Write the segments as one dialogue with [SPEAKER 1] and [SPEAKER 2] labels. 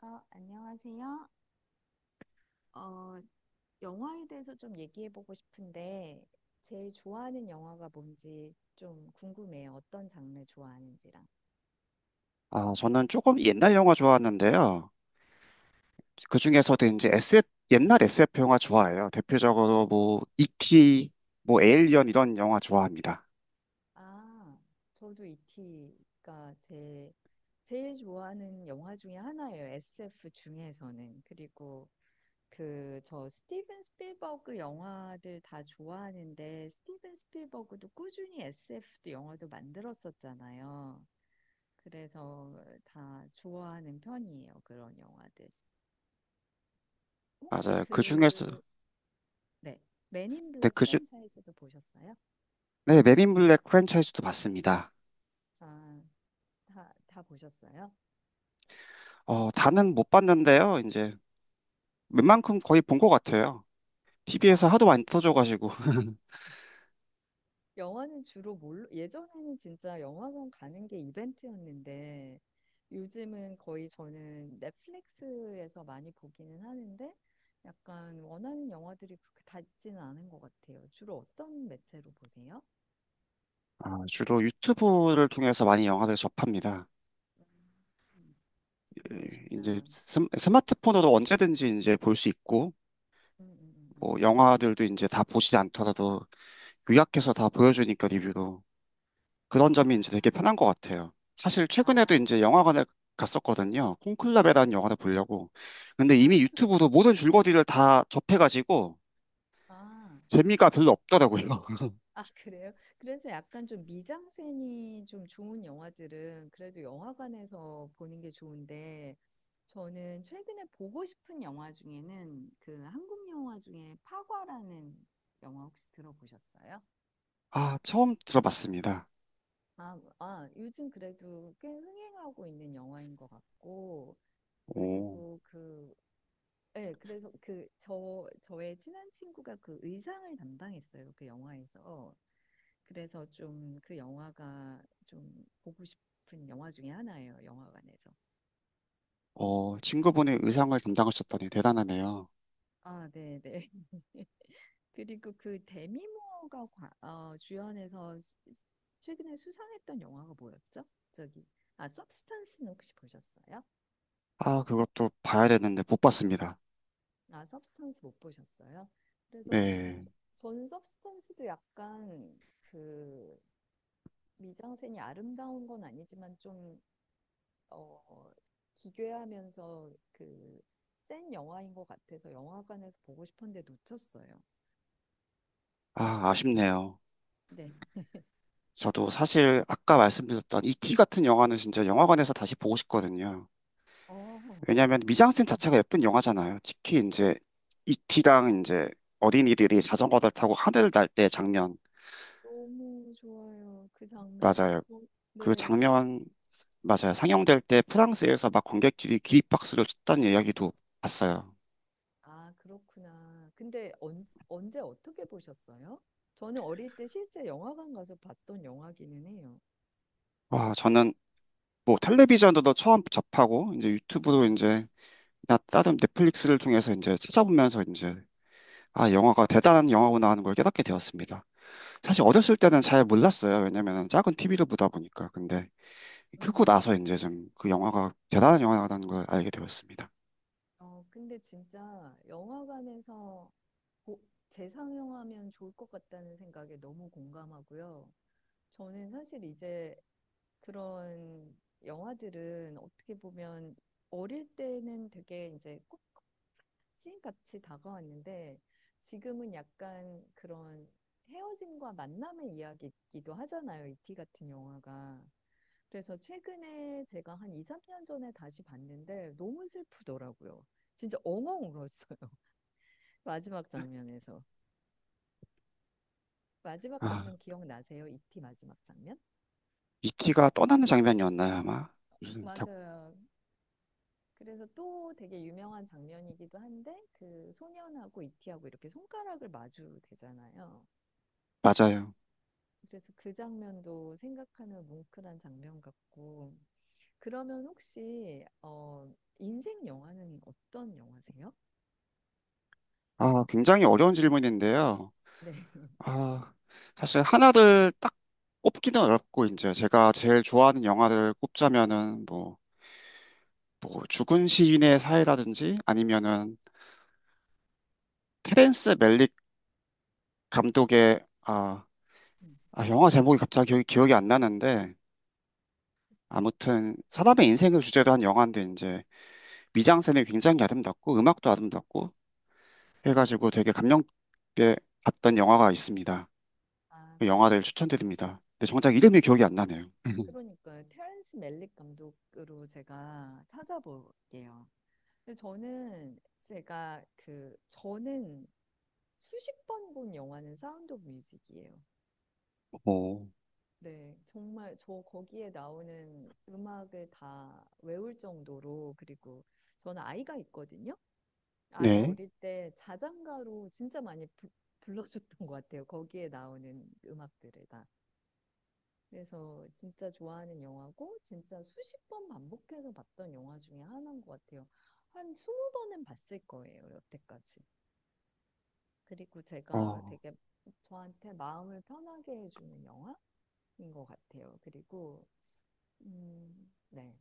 [SPEAKER 1] 안녕하세요. 어, 영화에 대해서 좀 얘기해 보고 싶은데, 제일 좋아하는 영화가 뭔지 좀 궁금해요. 어떤 장르 좋아하는지랑.
[SPEAKER 2] 저는 조금 옛날 영화 좋아하는데요. 그 중에서도 이제 SF, 옛날 SF 영화 좋아해요. 대표적으로 E.T., 에일리언 이런 영화 좋아합니다.
[SPEAKER 1] 아, 저도 이티가 제일 좋아하는 영화 중에 하나예요. SF 중에서는. 그리고 스티븐 스필버그 영화들 다 좋아하는데, 스티븐 스필버그도 꾸준히 SF도 영화도 만들었었잖아요. 그래서 다 좋아하는 편이에요. 그런 영화들. 혹시
[SPEAKER 2] 맞아요. 그 중에서,
[SPEAKER 1] 네, 맨인
[SPEAKER 2] 네,
[SPEAKER 1] 블랙
[SPEAKER 2] 그 중,
[SPEAKER 1] 프랜차이즈도 보셨어요?
[SPEAKER 2] 네, 맨인 블랙 프랜차이즈도 봤습니다.
[SPEAKER 1] 아, 다 보셨어요?
[SPEAKER 2] 다는 못 봤는데요. 이제 웬만큼 거의 본 것 같아요. TV에서
[SPEAKER 1] 아,
[SPEAKER 2] 하도 많이 터져가지고
[SPEAKER 1] 영화는 주로 뭘로, 예전에는 진짜 영화관 가는 게 이벤트였는데 요즘은 거의 저는 넷플릭스에서 많이 보기는 하는데 약간 원하는 영화들이 그렇게 다 있지는 않은 것 같아요. 주로 어떤 매체로 보세요?
[SPEAKER 2] 주로 유튜브를 통해서 많이 영화를 접합니다.
[SPEAKER 1] 음, 음,
[SPEAKER 2] 예, 이제
[SPEAKER 1] 그러시구나.
[SPEAKER 2] 스마트폰으로 언제든지 이제 볼 수 있고
[SPEAKER 1] 음, 음, 음, 음.
[SPEAKER 2] 뭐 영화들도 이제 다 보시지 않더라도 요약해서 다 보여주니까 리뷰로
[SPEAKER 1] 아,
[SPEAKER 2] 그런 점이 이제 되게 편한 것 같아요. 사실 최근에도
[SPEAKER 1] 아,
[SPEAKER 2] 이제 영화관에 갔었거든요. 콘클라베라는
[SPEAKER 1] 네네.
[SPEAKER 2] 영화를 보려고. 근데
[SPEAKER 1] 아,
[SPEAKER 2] 이미 유튜브로 모든 줄거리를 다 접해가지고
[SPEAKER 1] 아,
[SPEAKER 2] 재미가 별로 없더라고요.
[SPEAKER 1] 아, 그래요? 그래서 약간 좀 미장센이 좀 좋은 영화들은 그래도 영화관에서 보는 게 좋은데 저는 최근에 보고 싶은 영화 중에는 그 한국 영화 중에 파과라는 영화 혹시 들어보셨어요?
[SPEAKER 2] 처음 들어봤습니다.
[SPEAKER 1] 아, 아, 요즘 그래도 꽤 흥행하고 있는 영화인 것 같고,
[SPEAKER 2] 오.
[SPEAKER 1] 그리고 네, 그래서 저의 친한 친구가 그 의상을 담당했어요. 그 영화에서. 그래서 좀 그 영화가 좀 보고 싶은 영화 중에 하나예요. 영화관에서.
[SPEAKER 2] 친구분이 의상을 담당하셨다니 대단하네요.
[SPEAKER 1] 아, 네, 네. 그리고 그 데미 모어가 주연해서 최근에 수상했던 영화가 뭐였죠? 저기, 아, 서브스탄스는 혹시 보셨어요?
[SPEAKER 2] 그것도 봐야 되는데 못 봤습니다.
[SPEAKER 1] 아, 서브스탄스 못 보셨어요? 그래서
[SPEAKER 2] 네.
[SPEAKER 1] 저는 서브스탄스도 약간 그 미장센이 아름다운 건 아니지만 좀 어, 기괴하면서 그 센 영화인 것 같아서 영화관에서 보고 싶었는데 놓쳤어요.
[SPEAKER 2] 아, 아쉽네요.
[SPEAKER 1] 네.
[SPEAKER 2] 저도 사실 아까 말씀드렸던 이 t 같은 영화는 진짜 영화관에서 다시 보고 싶거든요.
[SPEAKER 1] 어,
[SPEAKER 2] 왜냐하면
[SPEAKER 1] 음.
[SPEAKER 2] 미장센 자체가 예쁜 영화잖아요. 특히 이제 이티랑 이제 어린이들이 자전거를 타고 하늘을 날 때 장면
[SPEAKER 1] 너무 좋아요. 그 장면.
[SPEAKER 2] 맞아요.
[SPEAKER 1] 어,
[SPEAKER 2] 그
[SPEAKER 1] 네.
[SPEAKER 2] 장면 맞아요. 상영될 때 프랑스에서 막 관객들이 기립박수를 쳤다는 이야기도 봤어요.
[SPEAKER 1] 아, 그렇구나. 근데 언제 어떻게 보셨어요? 저는 어릴 때 실제 영화관 가서 봤던 영화기는 해요.
[SPEAKER 2] 와, 저는 뭐 텔레비전도 처음 접하고 이제 유튜브도
[SPEAKER 1] 네.
[SPEAKER 2] 이제 나 다른 넷플릭스를 통해서 이제 찾아보면서 이제 아 영화가 대단한 영화구나 하는 걸 깨닫게 되었습니다. 사실 어렸을 때는 잘 몰랐어요. 왜냐면 작은 TV를 보다 보니까 근데
[SPEAKER 1] 음.
[SPEAKER 2] 크고 나서 이제 좀 그 영화가 대단한 영화라는 걸 알게 되었습니다.
[SPEAKER 1] 근데 진짜 영화관에서 고- 재상영하면 좋을 것 같다는 생각에 너무 공감하고요. 저는 사실 이제 그런 영화들은 어떻게 보면 어릴 때는 되게 이제 꼭 찐같이 다가왔는데 지금은 약간 그런 헤어짐과 만남의 이야기이기도 하잖아요. 이티 같은 영화가. 그래서 최근에 제가 한 2, 3년 전에 다시 봤는데 너무 슬프더라고요. 진짜 엉엉 울었어요. 마지막 장면에서. 마지막
[SPEAKER 2] 아
[SPEAKER 1] 장면 기억나세요? 이티 마지막 장면?
[SPEAKER 2] 이티가 떠나는 장면이었나요 아마? 무슨
[SPEAKER 1] 맞아요. 그래서 또 되게 유명한 장면이기도 한데 그 소년하고 이티하고 이렇게 손가락을 마주 대잖아요.
[SPEAKER 2] 맞아요.
[SPEAKER 1] 그래서 그 장면도 생각하면 뭉클한 장면 같고 그러면 혹시 인생 영화는 어떤 영화세요?
[SPEAKER 2] 아 굉장히 어려운 질문인데요.
[SPEAKER 1] 네.
[SPEAKER 2] 아, 사실 하나를 딱 꼽기는 어렵고, 이제 제가 제일 좋아하는 영화를 꼽자면은, 뭐, 뭐 죽은 시인의 사회라든지, 아니면은, 테렌스 멜릭 감독의,
[SPEAKER 1] 음,
[SPEAKER 2] 아, 영화 제목이 갑자기 기억이 안 나는데, 아무튼,
[SPEAKER 1] 이런 거.
[SPEAKER 2] 사람의 인생을 주제로 한 영화인데, 이제, 미장센이 굉장히 아름답고, 음악도 아름답고,
[SPEAKER 1] 아,
[SPEAKER 2] 해가지고 되게 감명 깊게 봤던 영화가 있습니다.
[SPEAKER 1] 아,
[SPEAKER 2] 그 영화를 추천드립니다. 근데 정작 이름이 기억이 안 나네요.
[SPEAKER 1] 그러니까요. 테런스 멜릭 감독으로 제가 찾아볼게요. 근데 저는 제가 그 저는 수십 번 본 영화는 사운드 오브 뮤직이에요.
[SPEAKER 2] 오.
[SPEAKER 1] 네, 정말 저 거기에 나오는 음악을 다 외울 정도로 그리고 저는 아이가 있거든요. 아이
[SPEAKER 2] 네.
[SPEAKER 1] 어릴 때 자장가로 진짜 많이 불러줬던 것 같아요. 거기에 나오는 음악들을 그래서 진짜 좋아하는 영화고 진짜 수십 번 반복해서 봤던 영화 중에 하나인 것 같아요. 한 20번은 봤을 거예요, 여태까지. 그리고 제가
[SPEAKER 2] 어.
[SPEAKER 1] 되게 저한테 마음을 편하게 해주는 영화인 것 같아요. 그리고 네.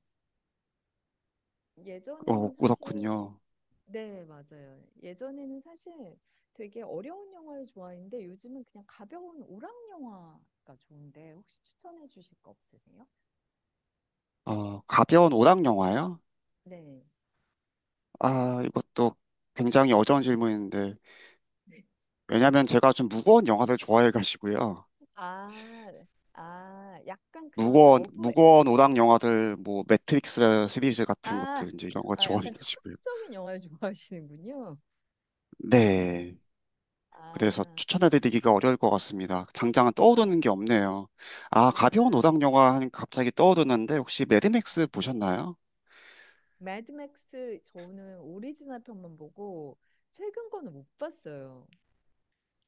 [SPEAKER 2] 어,
[SPEAKER 1] 예전에는 사실
[SPEAKER 2] 그렇군요.
[SPEAKER 1] 네, 맞아요. 예전에는 사실 되게 어려운 영화를 좋아했는데 요즘은 그냥 가벼운 오락 영화가 좋은데 혹시 추천해 주실 거 없으세요?
[SPEAKER 2] 어, 가벼운 오락 영화요?
[SPEAKER 1] 네.
[SPEAKER 2] 이것도 굉장히 어려운 질문인데, 왜냐면 제가 좀 무거운 영화를 좋아해가지고요.
[SPEAKER 1] 아, 네. 아, 약간 그런 러브,
[SPEAKER 2] 무거운 오락 영화들, 뭐, 매트릭스 시리즈 같은
[SPEAKER 1] 아,
[SPEAKER 2] 것들, 이제 이런 걸
[SPEAKER 1] 아, 약간
[SPEAKER 2] 좋아해가지고요.
[SPEAKER 1] 철학적인 영화를 좋아하시는군요.
[SPEAKER 2] 네. 그래서
[SPEAKER 1] 아,
[SPEAKER 2] 추천해드리기가 어려울 것 같습니다. 당장은
[SPEAKER 1] 아,
[SPEAKER 2] 떠오르는 게 없네요. 아, 가벼운
[SPEAKER 1] 아.
[SPEAKER 2] 오락 영화 하니까 갑자기 떠오르는데, 혹시 매드맥스 보셨나요?
[SPEAKER 1] 매드맥스 저는 오리지널 편만 보고 최근 거는 못 봤어요.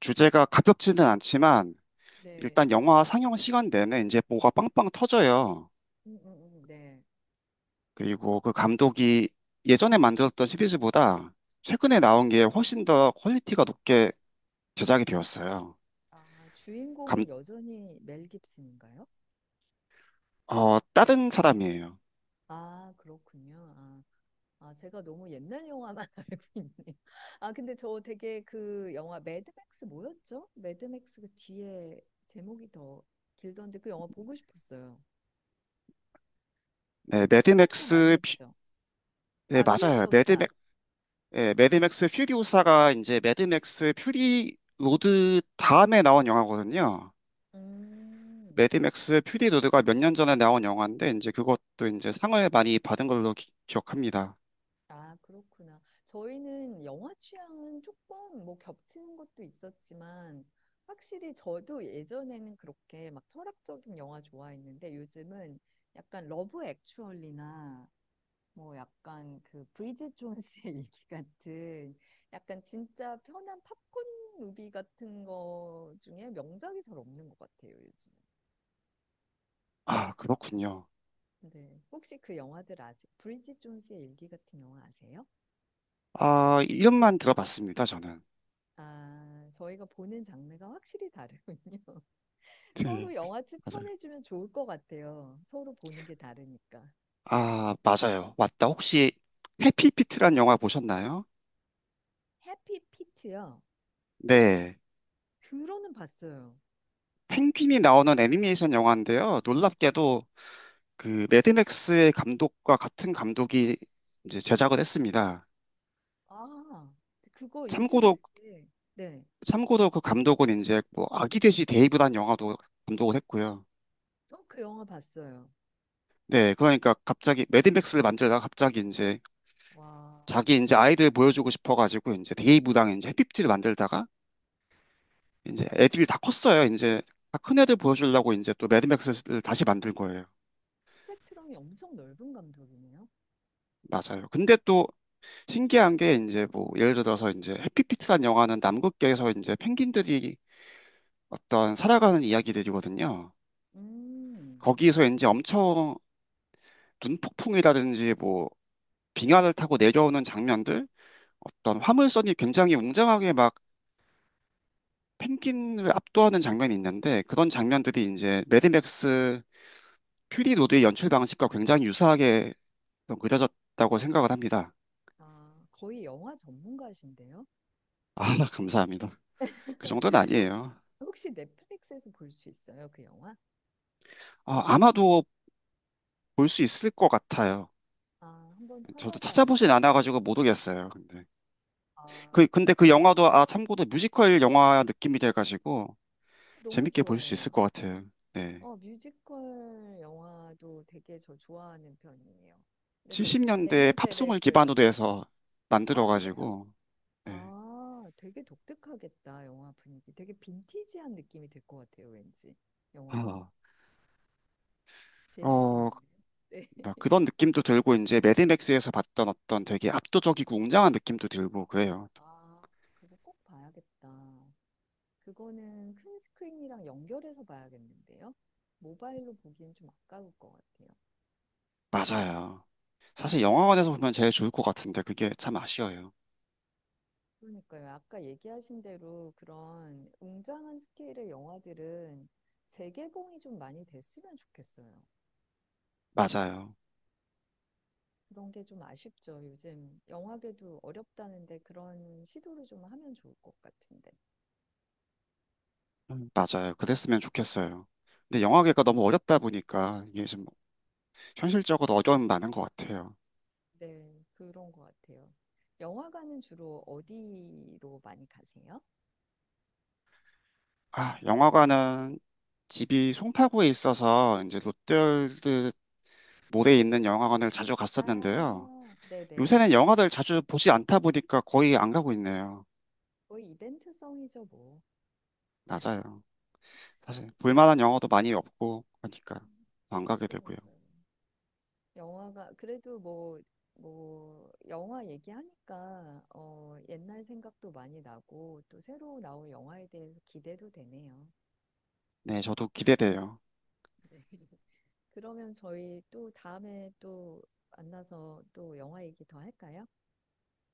[SPEAKER 2] 주제가 가볍지는 않지만,
[SPEAKER 1] 네,
[SPEAKER 2] 일단 영화 상영 시간 내내 이제 뭐가 빵빵 터져요.
[SPEAKER 1] 음, 음, 네.
[SPEAKER 2] 그리고 그 감독이 예전에 만들었던 시리즈보다 최근에
[SPEAKER 1] 음.
[SPEAKER 2] 나온 게 훨씬 더 퀄리티가 높게 제작이 되었어요.
[SPEAKER 1] 아,
[SPEAKER 2] 감,
[SPEAKER 1] 주인공은 여전히 멜 깁슨인가요?
[SPEAKER 2] 어, 다른 사람이에요.
[SPEAKER 1] 아, 그렇군요. 아. 아, 제가 너무 옛날 영화만 알고 있네요. 아, 근데 저 되게 그 영화 매드맥스 뭐였죠? 매드맥스 그 뒤에 제목이 더 길던데 그 영화 보고 싶었어요.
[SPEAKER 2] 네,
[SPEAKER 1] 수상도 많이 했죠.
[SPEAKER 2] 네,
[SPEAKER 1] 아,
[SPEAKER 2] 맞아요.
[SPEAKER 1] 퓨리오사.
[SPEAKER 2] 예, 매드맥스 퓨리오사가 이제 매드맥스 퓨리 로드 다음에 나온 영화거든요.
[SPEAKER 1] 음,
[SPEAKER 2] 매드맥스 퓨리 로드가 몇 년 전에 나온 영화인데, 이제 그것도 이제 상을 많이 받은 걸로 기억합니다.
[SPEAKER 1] 아, 그렇구나. 저희는 영화 취향은 조금 뭐 겹치는 것도 있었지만 확실히 저도 예전에는 그렇게 막 철학적인 영화 좋아했는데 요즘은 약간 러브 액츄얼리나 뭐 약간 그 브리짓 존스의 일기 같은 약간 진짜 편한 팝콘 무비 같은 거 중에 명작이 잘 없는 것 같아요, 요즘.
[SPEAKER 2] 아, 그렇군요.
[SPEAKER 1] 네. 혹시 그 영화들 아세요? 브리짓 존스의 일기 같은 영화 아세요?
[SPEAKER 2] 아, 이름만 들어봤습니다, 저는.
[SPEAKER 1] 아, 저희가 보는 장르가 확실히 다르군요.
[SPEAKER 2] 네,
[SPEAKER 1] 서로 영화
[SPEAKER 2] 맞아요.
[SPEAKER 1] 추천해주면 좋을 것 같아요. 서로 보는 게 다르니까.
[SPEAKER 2] 아, 맞아요. 맞다. 혹시 해피피트란 영화 보셨나요?
[SPEAKER 1] 해피 피트요.
[SPEAKER 2] 네.
[SPEAKER 1] 들어는 봤어요.
[SPEAKER 2] 펭귄이 나오는 애니메이션 영화인데요. 놀랍게도 그 매드맥스의 감독과 같은 감독이 이제 제작을 했습니다.
[SPEAKER 1] 아, 그거 요즘
[SPEAKER 2] 참고로
[SPEAKER 1] 되게, 네.
[SPEAKER 2] 참고로 그 감독은 이제 뭐 아기 돼지 데이브란 영화도 감독을 했고요.
[SPEAKER 1] 어, 그 영화 봤어요.
[SPEAKER 2] 네, 그러니까 갑자기 매드맥스를 만들다가 갑자기 이제
[SPEAKER 1] 와,
[SPEAKER 2] 자기 이제 아이들 보여주고 싶어가지고 이제 데이브랑 이제 해피피트를 만들다가 이제 애들이 다 컸어요. 이제 다 큰 애들 보여주려고 이제 또 매드맥스를 다시 만들 거예요.
[SPEAKER 1] 스펙트럼이 엄청 넓은 감독이네요.
[SPEAKER 2] 맞아요. 근데 또 신기한 게 이제 뭐 예를 들어서 이제 해피피트란 영화는 남극계에서 이제 펭귄들이 어떤 살아가는 이야기들이거든요.
[SPEAKER 1] 음,
[SPEAKER 2] 거기서 이제 엄청 눈폭풍이라든지 뭐 빙하를 타고 내려오는 장면들, 어떤 화물선이 굉장히 웅장하게 막 펭귄을 압도하는 장면이 있는데 그런 장면들이 이제 매드맥스 퓨리 로드의 연출 방식과 굉장히 유사하게 좀 그려졌다고 생각을 합니다.
[SPEAKER 1] 아, 거의 영화 전문가신데요.
[SPEAKER 2] 아, 감사합니다. 그 정도는
[SPEAKER 1] 혹-
[SPEAKER 2] 아니에요.
[SPEAKER 1] 혹시 넷플릭스에서 볼 수 있어요, 그 영화?
[SPEAKER 2] 아, 아마도 볼 수 있을 것 같아요.
[SPEAKER 1] 아, 한번
[SPEAKER 2] 저도
[SPEAKER 1] 찾아봐야겠다.
[SPEAKER 2] 찾아보진 않아가지고 모르겠어요. 근데
[SPEAKER 1] 아,
[SPEAKER 2] 그 근데 그 영화도 아 참고로 뮤지컬 영화 느낌이 돼가지고
[SPEAKER 1] 너무
[SPEAKER 2] 재밌게 볼 수 있을
[SPEAKER 1] 좋아해요.
[SPEAKER 2] 것 같아요. 네,
[SPEAKER 1] 어, 뮤지컬 영화도 되게 저 좋아하는 편이에요. 그래서
[SPEAKER 2] 70년대 팝송을
[SPEAKER 1] 레미제레블
[SPEAKER 2] 기반으로
[SPEAKER 1] 같은.
[SPEAKER 2] 해서
[SPEAKER 1] 아, 그래요?
[SPEAKER 2] 만들어가지고 네.
[SPEAKER 1] 아, 되게 독특하겠다, 영화 분위기. 되게 빈티지한 느낌이 들 것 같아요, 왠지. 영화가.
[SPEAKER 2] 아, 어,
[SPEAKER 1] 재밌겠는데요? 네.
[SPEAKER 2] 막 그런 느낌도 들고 이제 매드맥스에서 봤던 어떤 되게 압도적이고 웅장한 느낌도 들고 그래요.
[SPEAKER 1] 아, 그거 꼭 봐야겠다. 그거는 큰 스크린이랑 연결해서 봐야겠는데요. 모바일로 보기엔 좀 아까울 것 같아요.
[SPEAKER 2] 맞아요. 사실 영화관에서 보면 제일 좋을 것 같은데 그게 참 아쉬워요.
[SPEAKER 1] 그러니까요. 아까 얘기하신 대로 그런 웅장한 스케일의 영화들은 재개봉이 좀 많이 됐으면 좋겠어요.
[SPEAKER 2] 맞아요.
[SPEAKER 1] 그런 게 좀 아쉽죠. 요즘 영화계도 어렵다는데 그런 시도를 좀 하면 좋을 것 같은데.
[SPEAKER 2] 맞아요. 그랬으면 좋겠어요. 근데 영화계가 너무 어렵다 보니까 이게 좀 현실적으로 어려움이 많은 것 같아요.
[SPEAKER 1] 네, 그런 것 같아요. 영화관은 주로 어디로 많이 가세요?
[SPEAKER 2] 아, 영화관은 집이 송파구에 있어서 이제
[SPEAKER 1] 네.
[SPEAKER 2] 롯데월드 몰에 있는 영화관을 자주 갔었는데요.
[SPEAKER 1] 아, 네네.
[SPEAKER 2] 요새는 영화를 자주 보지 않다 보니까 거의 안 가고 있네요.
[SPEAKER 1] 거의 이벤트성이죠, 뭐.
[SPEAKER 2] 맞아요. 사실 볼만한 영화도 많이 없고 하니까 안 가게 되고요.
[SPEAKER 1] 그러니까요. 영화가, 그래도 뭐, 뭐, 영화 얘기하니까, 옛날 생각도 많이 나고, 또 새로 나올 영화에 대해서 기대도 되네요.
[SPEAKER 2] 네, 저도 기대돼요.
[SPEAKER 1] 네. 그러면 저희 또 다음에 또 만나서 또 영화 얘기 더 할까요?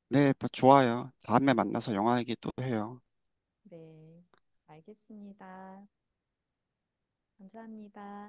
[SPEAKER 2] 네, 좋아요. 다음에 만나서 영화 얘기 또 해요.
[SPEAKER 1] 네, 알겠습니다. 감사합니다.